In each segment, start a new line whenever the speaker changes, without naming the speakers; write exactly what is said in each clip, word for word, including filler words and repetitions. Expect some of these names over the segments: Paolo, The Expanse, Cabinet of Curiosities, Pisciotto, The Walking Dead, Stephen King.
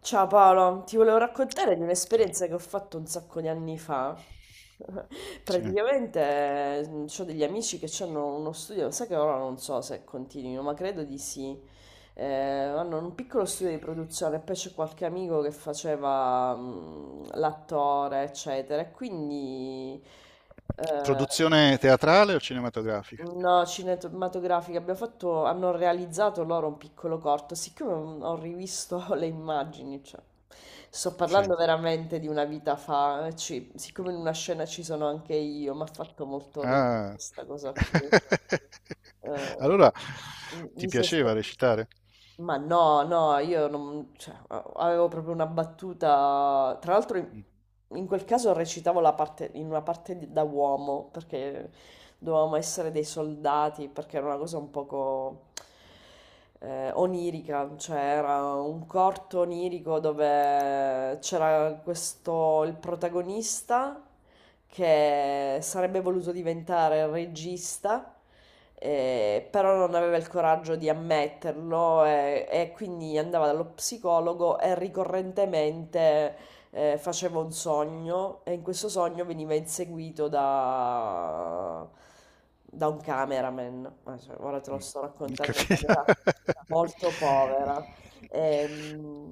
Ciao Paolo, ti volevo raccontare di
So.
un'esperienza che ho fatto un sacco di anni fa.
Sì.
Praticamente ho degli amici che hanno uno studio, sai che ora non so se continuino, ma credo di sì. Eh, hanno un piccolo studio di produzione, poi c'è qualche amico che faceva mm, l'attore, eccetera. e Quindi eh,
Produzione teatrale o cinematografica?
No, cinematografica, abbiamo fatto, hanno realizzato loro un piccolo corto, siccome ho rivisto le immagini, cioè, sto
Sì.
parlando veramente di una vita fa, eh, ci- siccome in una scena ci sono anche io, mi ha fatto molto ridere
Ah.
questa cosa qui. Eh,
allora,
mi mi
ti
si è
piaceva recitare?
ma no, No, io non, cioè, avevo proprio una battuta. Tra l'altro, in,
Mm.
in quel caso recitavo la parte, in una parte di- da uomo, perché dovevamo essere dei soldati, perché era una cosa un poco eh, onirica, cioè era un corto onirico dove c'era questo, il protagonista che sarebbe voluto diventare regista, eh, però non aveva il coraggio di ammetterlo e, e quindi andava dallo psicologo e ricorrentemente eh, faceva un sogno e in questo sogno veniva inseguito da, da un cameraman. Eh, cioè, ora te lo sto raccontando in
Capito?
maniera molto povera. Ehm,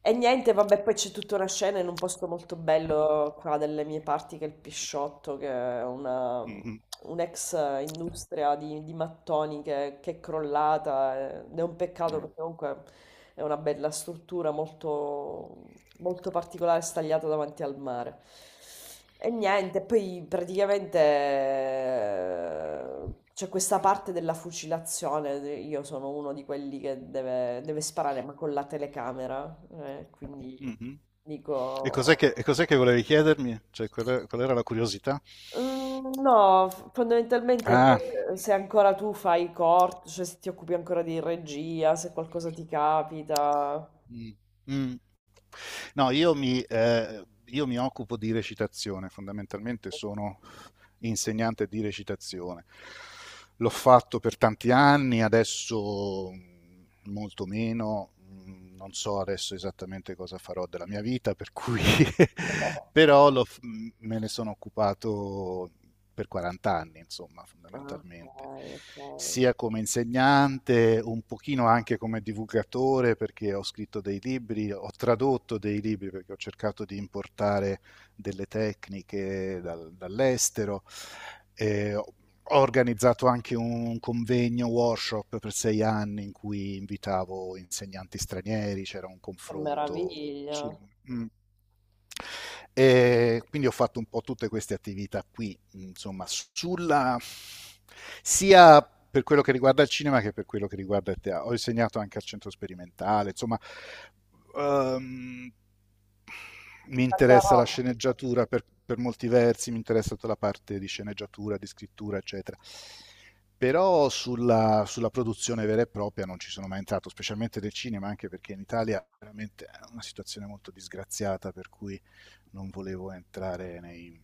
e niente, vabbè, poi c'è tutta una scena in un posto molto bello qua delle mie parti, che è il Pisciotto, che è una,
Mm.
un'ex industria di, di mattoni che, che è crollata. eh, Ed è un peccato
Mm.
perché comunque è una bella struttura molto, molto particolare stagliata davanti al mare. E niente, poi praticamente eh, c'è questa parte della fucilazione, io sono uno di quelli che deve, deve sparare ma con la telecamera, eh, quindi
Mm-hmm. E
dico...
cos'è che, e cos'è che volevi chiedermi? Cioè, qual, è- qual era la curiosità?
"Mm, No, f- fondamentalmente
Ah,
se, se ancora tu fai corto, cioè se ti occupi ancora di regia, se qualcosa ti capita.
Mm. Mm. No, io mi, eh, io mi occupo di recitazione, fondamentalmente sono insegnante di recitazione. L'ho fatto per tanti anni, adesso mh, molto meno, mh, non so adesso esattamente cosa farò della mia vita, per cui
Ok,
però l'ho f- me ne sono occupato per quaranta anni, insomma,
ok.
fondamentalmente,
Ok.
sia come insegnante, un pochino anche come divulgatore, perché ho scritto dei libri, ho tradotto dei libri, perché ho cercato di importare delle tecniche dal- dall'estero. Eh, ho organizzato anche un convegno, workshop per sei anni in cui invitavo insegnanti stranieri, c'era un
Che
confronto sul...
meraviglia,
Mm. E quindi ho fatto un po' tutte queste attività qui, insomma, sulla sia per quello che riguarda il cinema che per quello che riguarda il teatro. Ho insegnato anche al centro sperimentale, insomma, ehm, mi
tanta
interessa la
roba.
sceneggiatura per, per molti versi, mi interessa tutta la parte di sceneggiatura, di scrittura, eccetera. Però sulla, sulla produzione vera e propria non ci sono mai entrato, specialmente del cinema, anche perché in Italia veramente è una situazione molto disgraziata, per cui non volevo entrare nei,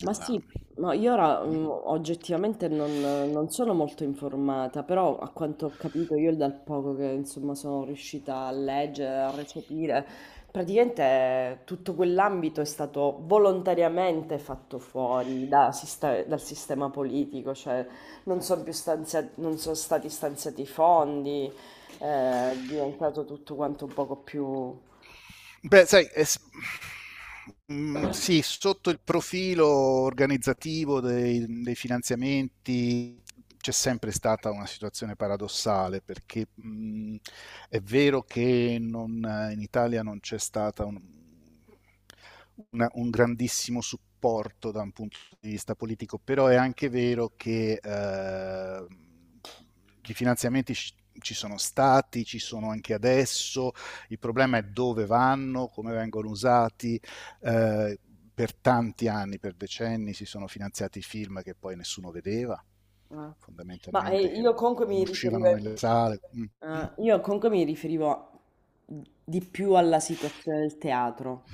Ma sì, ma io ora mm, oggettivamente non, non sono molto informata, però a quanto ho capito io dal poco che insomma sono riuscita a leggere, a recepire, praticamente tutto quell'ambito è stato volontariamente fatto fuori da siste- dal sistema politico, cioè non sono più stanzia- non sono stati stanziati i fondi, eh, è diventato tutto quanto un poco più...
Beh, sai, è s- mm, sì, sotto il profilo organizzativo dei, dei finanziamenti c'è sempre stata una situazione paradossale perché mm, è vero che non- in Italia non c'è stata un, una- un grandissimo supporto da un punto di vista politico, però è anche vero che eh, i finanziamenti ci ci sono stati, ci sono anche adesso il problema è dove vanno, come vengono usati. eh, per tanti anni, per decenni, si sono finanziati film che poi nessuno vedeva,
Ah. Ma eh,
fondamentalmente, che
io
non,
comunque
non
mi riferivo,
uscivano nelle sale. Mm.
eh, io comunque mi riferivo di più alla situazione del teatro.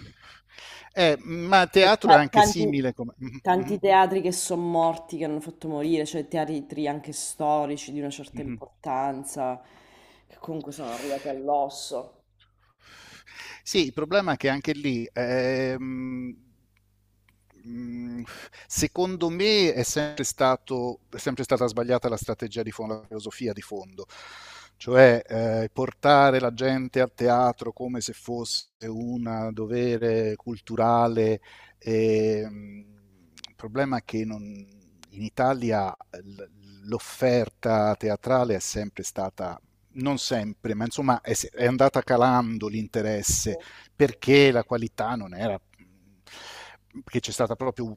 Eh, ma
E
teatro è
ta-
anche
Tanti,
simile come... Mhm,
Tanti teatri che sono morti, che hanno fatto morire, cioè teatri anche storici di una
mhm,
certa
mhm.
importanza, che comunque sono arrivati all'osso.
Sì, il problema è che anche lì, ehm, mh, secondo me, è sempre stato, è sempre stata sbagliata la strategia di fondo, la filosofia di fondo, cioè eh, portare la gente al teatro come se fosse un dovere culturale. ehm, il problema è che non- in Italia l- l'offerta teatrale è sempre stata non sempre, ma insomma è, è andata calando l'interesse perché la qualità non era, perché c'è stata proprio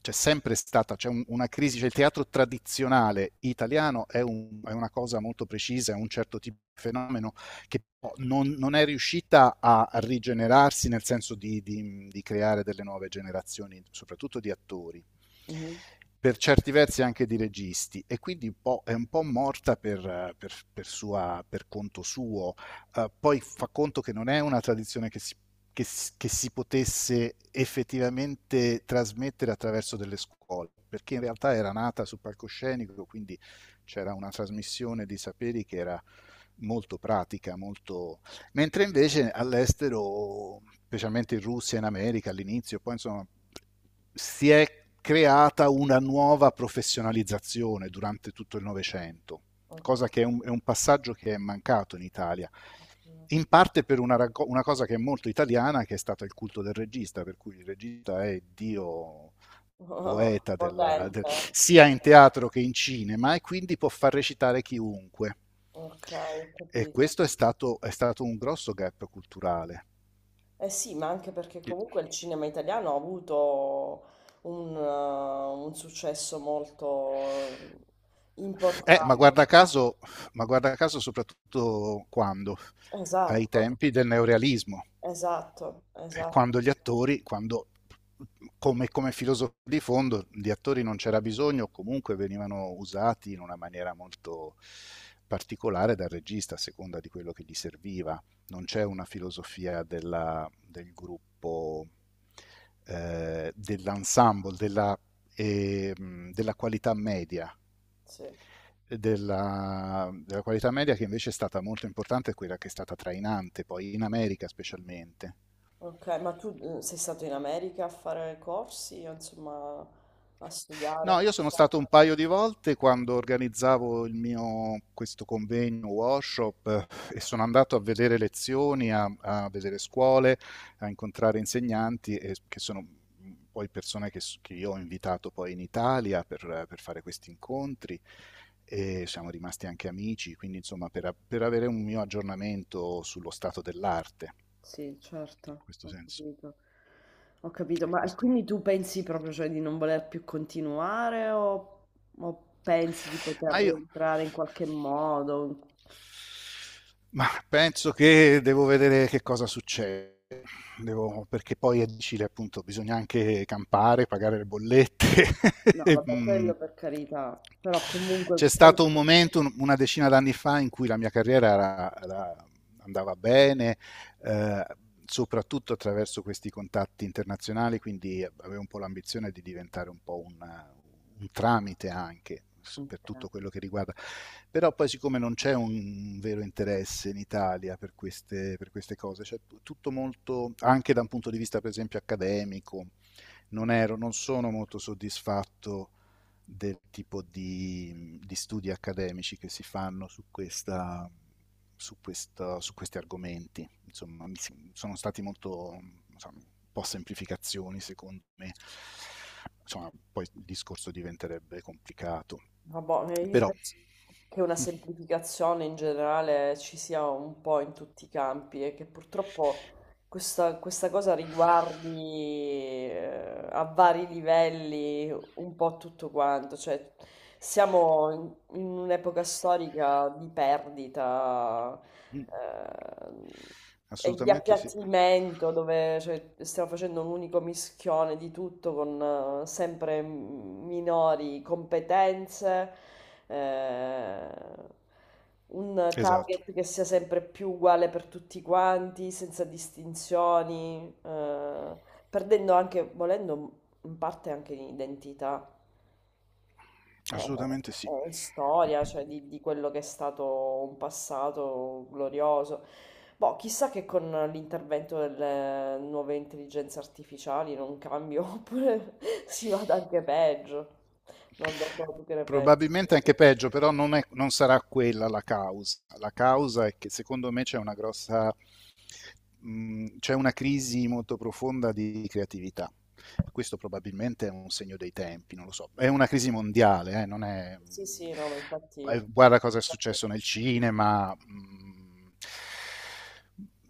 c'è sempre stata, c'è un- una crisi, cioè il teatro tradizionale italiano è, un- è una cosa molto precisa, è un certo tipo di fenomeno che po- non, non è riuscita a rigenerarsi nel senso di, di- di creare delle nuove generazioni, soprattutto di attori
Mhm.
per certi versi anche di registi e quindi un po', è un po' morta per, per, per, sua, per conto suo. Uh, poi fa conto che non è una tradizione che si, che, che si, potesse effettivamente trasmettere attraverso delle scuole, perché in realtà era nata sul palcoscenico, quindi c'era una trasmissione di saperi che era molto pratica, molto mentre invece all'estero, specialmente in Russia, e in America all'inizio, poi insomma, si è creata una nuova professionalizzazione durante tutto il Novecento,
Ok.
cosa che è un, è un, passaggio che è mancato in Italia, in parte per una, una cosa che è molto italiana, che è stato il culto del regista, per cui il regista è Dio poeta della- del-
Potente.
sia in teatro che in cinema e quindi può far recitare chiunque.
Ok, ho
E
capito.
questo è stato, è stato un grosso gap culturale.
Eh sì, ma anche perché comunque il cinema italiano ha avuto un, eh, un successo molto
Eh, ma
importante.
guarda caso, ma guarda caso soprattutto quando? Ai
Esatto,
tempi del neorealismo.
esatto, esatto,
quando gli attori, quando come, come filosofia di fondo di attori non c'era bisogno, comunque venivano usati in una maniera molto particolare dal regista a seconda di quello che gli serviva. Non c'è una filosofia della- del gruppo, eh, dell'ensemble, della, ehm, della qualità media.
sì.
Della, della qualità media che invece è stata molto importante, è quella che è stata trainante poi in America specialmente.
Ok, ma tu eh, sei stato in America a fare corsi, insomma, a
No,
studiare?
io sono stato un paio di volte quando organizzavo il mio, questo convegno, workshop, eh, e sono andato a vedere lezioni, a, a vedere scuole, a incontrare insegnanti, e, che, sono poi persone che, s- che io ho invitato poi in Italia per, per fare questi incontri e siamo rimasti anche amici, quindi insomma per, a- per avere un mio aggiornamento sullo stato dell'arte,
Sì,
in
certo,
questo
ho
senso.
capito. Ho capito,
E
ma e
questo.
quindi tu pensi proprio, cioè, di non voler più continuare, o, o pensi di poter
Ma io,
rientrare in qualche modo?
ma penso che devo vedere che cosa succede. Devo- perché poi è difficile, appunto, bisogna anche campare, pagare le bollette.
No,
E,
vabbè,
Mm.
quello per carità, però
C'è
comunque...
stato un momento, un- una decina d'anni fa, in cui la mia carriera era- era- andava bene, eh, soprattutto attraverso questi contatti internazionali, quindi avevo un po' l'ambizione di diventare un po' un, un tramite anche per
Ok.
tutto quello che riguarda. Però poi siccome non c'è un vero interesse in Italia per queste, per queste cose, cioè tutto molto, anche da un punto di vista per esempio accademico, non, ero, non sono molto soddisfatto del tipo di, di studi accademici che si fanno su, questa, su, questa, su questi argomenti. Insomma, sono stati molto insomma, un po' semplificazioni, secondo me. Insomma, poi il discorso diventerebbe complicato.
Vabbè, eh, io
Però.
penso che una semplificazione in generale ci sia un po' in tutti i campi e che purtroppo questa, questa cosa riguardi eh, a vari livelli un po' tutto quanto, cioè siamo in, in un'epoca storica di perdita eh, e di
Assolutamente sì.
appiattimento dove cioè, stiamo facendo un unico mischione di tutto con eh, sempre minori competenze, eh, un
Esatto,
target che sia sempre più uguale per tutti quanti, senza distinzioni. Eh, perdendo anche, volendo, in parte anche di identità e,
assolutamente sì.
e storia, cioè di, di quello che è stato un passato glorioso. Boh, chissà che con l'intervento delle nuove intelligenze artificiali non cambio, oppure si vada anche peggio. Non lo so, tu che ne pensi?
Probabilmente anche peggio, però non, è- non sarà quella la causa. La causa è che secondo me c'è una grossa, mh, c'è una crisi molto profonda di creatività. Questo probabilmente è un segno dei tempi, non lo so. È una crisi mondiale, eh, non è...
Sì, sì, no, ma infatti...
eh, Guarda cosa è successo nel cinema. mh,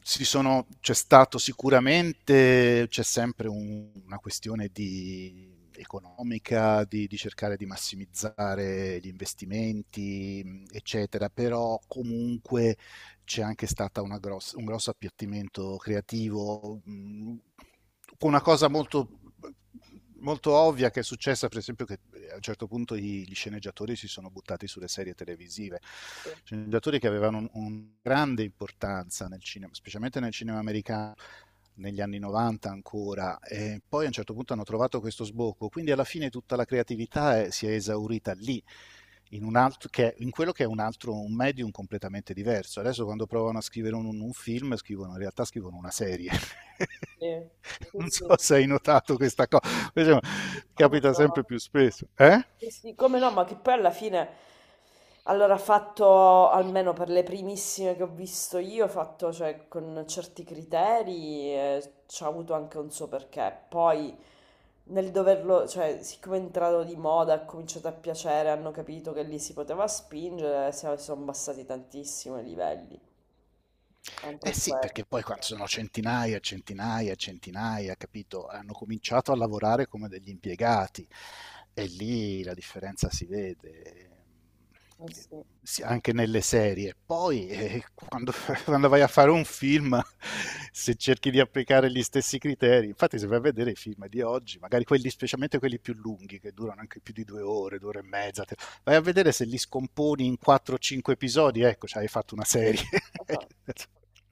si sono- c'è stato sicuramente, c'è sempre un- una questione di- economica, di, di cercare di massimizzare gli investimenti, mh, eccetera, però comunque c'è anche stato gross- un grosso appiattimento creativo mh, con una cosa molto, molto ovvia che è successa, per esempio, che eh, a un certo punto i- gli sceneggiatori si sono buttati sulle serie televisive, sceneggiatori che avevano un, un grande importanza nel cinema, specialmente nel cinema americano negli anni novanta ancora, e poi a un certo punto hanno trovato questo sbocco, quindi alla fine tutta la creatività è- si è esaurita lì in, un altro, che, in quello che è un altro un medium completamente diverso. Adesso quando provano a scrivere un, un film, scrivono, in realtà scrivono una serie.
Sì, sì,
Non so
sì.
se hai notato questa cosa,
Sì, come
capita
no?
sempre più spesso. Eh?
Sì, sì, come no, ma che poi alla fine, allora, ha fatto, almeno per le primissime che ho visto io, ha fatto, cioè, con certi criteri, eh, ci ha avuto anche un suo perché. Poi, nel doverlo, cioè, siccome è entrato di moda, ha cominciato a piacere, hanno capito che lì si poteva spingere, si sono abbassati tantissimo i livelli, anche
Eh
in
sì,
quello.
perché poi quando sono centinaia, centinaia, centinaia, capito? Hanno cominciato a lavorare come degli impiegati e lì la differenza si vede.
Eh sì.
Sì, anche nelle serie. Poi, eh, quando, quando vai a fare un film, se cerchi di applicare gli stessi criteri, infatti, se vai a vedere i film di oggi, magari quelli, specialmente quelli più lunghi, che durano anche più di due ore, due ore e mezza, vai a vedere se li scomponi in quattro o cinque episodi, ecco, cioè hai fatto una serie.
Ah, ah.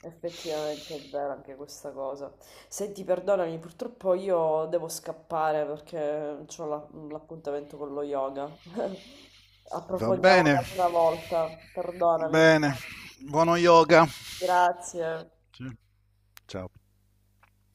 Effettivamente è vera anche questa cosa. Senti, perdonami, purtroppo io devo scappare perché ho la- l'appuntamento con lo yoga.
Va
Approfondiamo
bene.
un'altra volta, perdonami.
Bene. Buono yoga.
Grazie.
Sì. Ciao.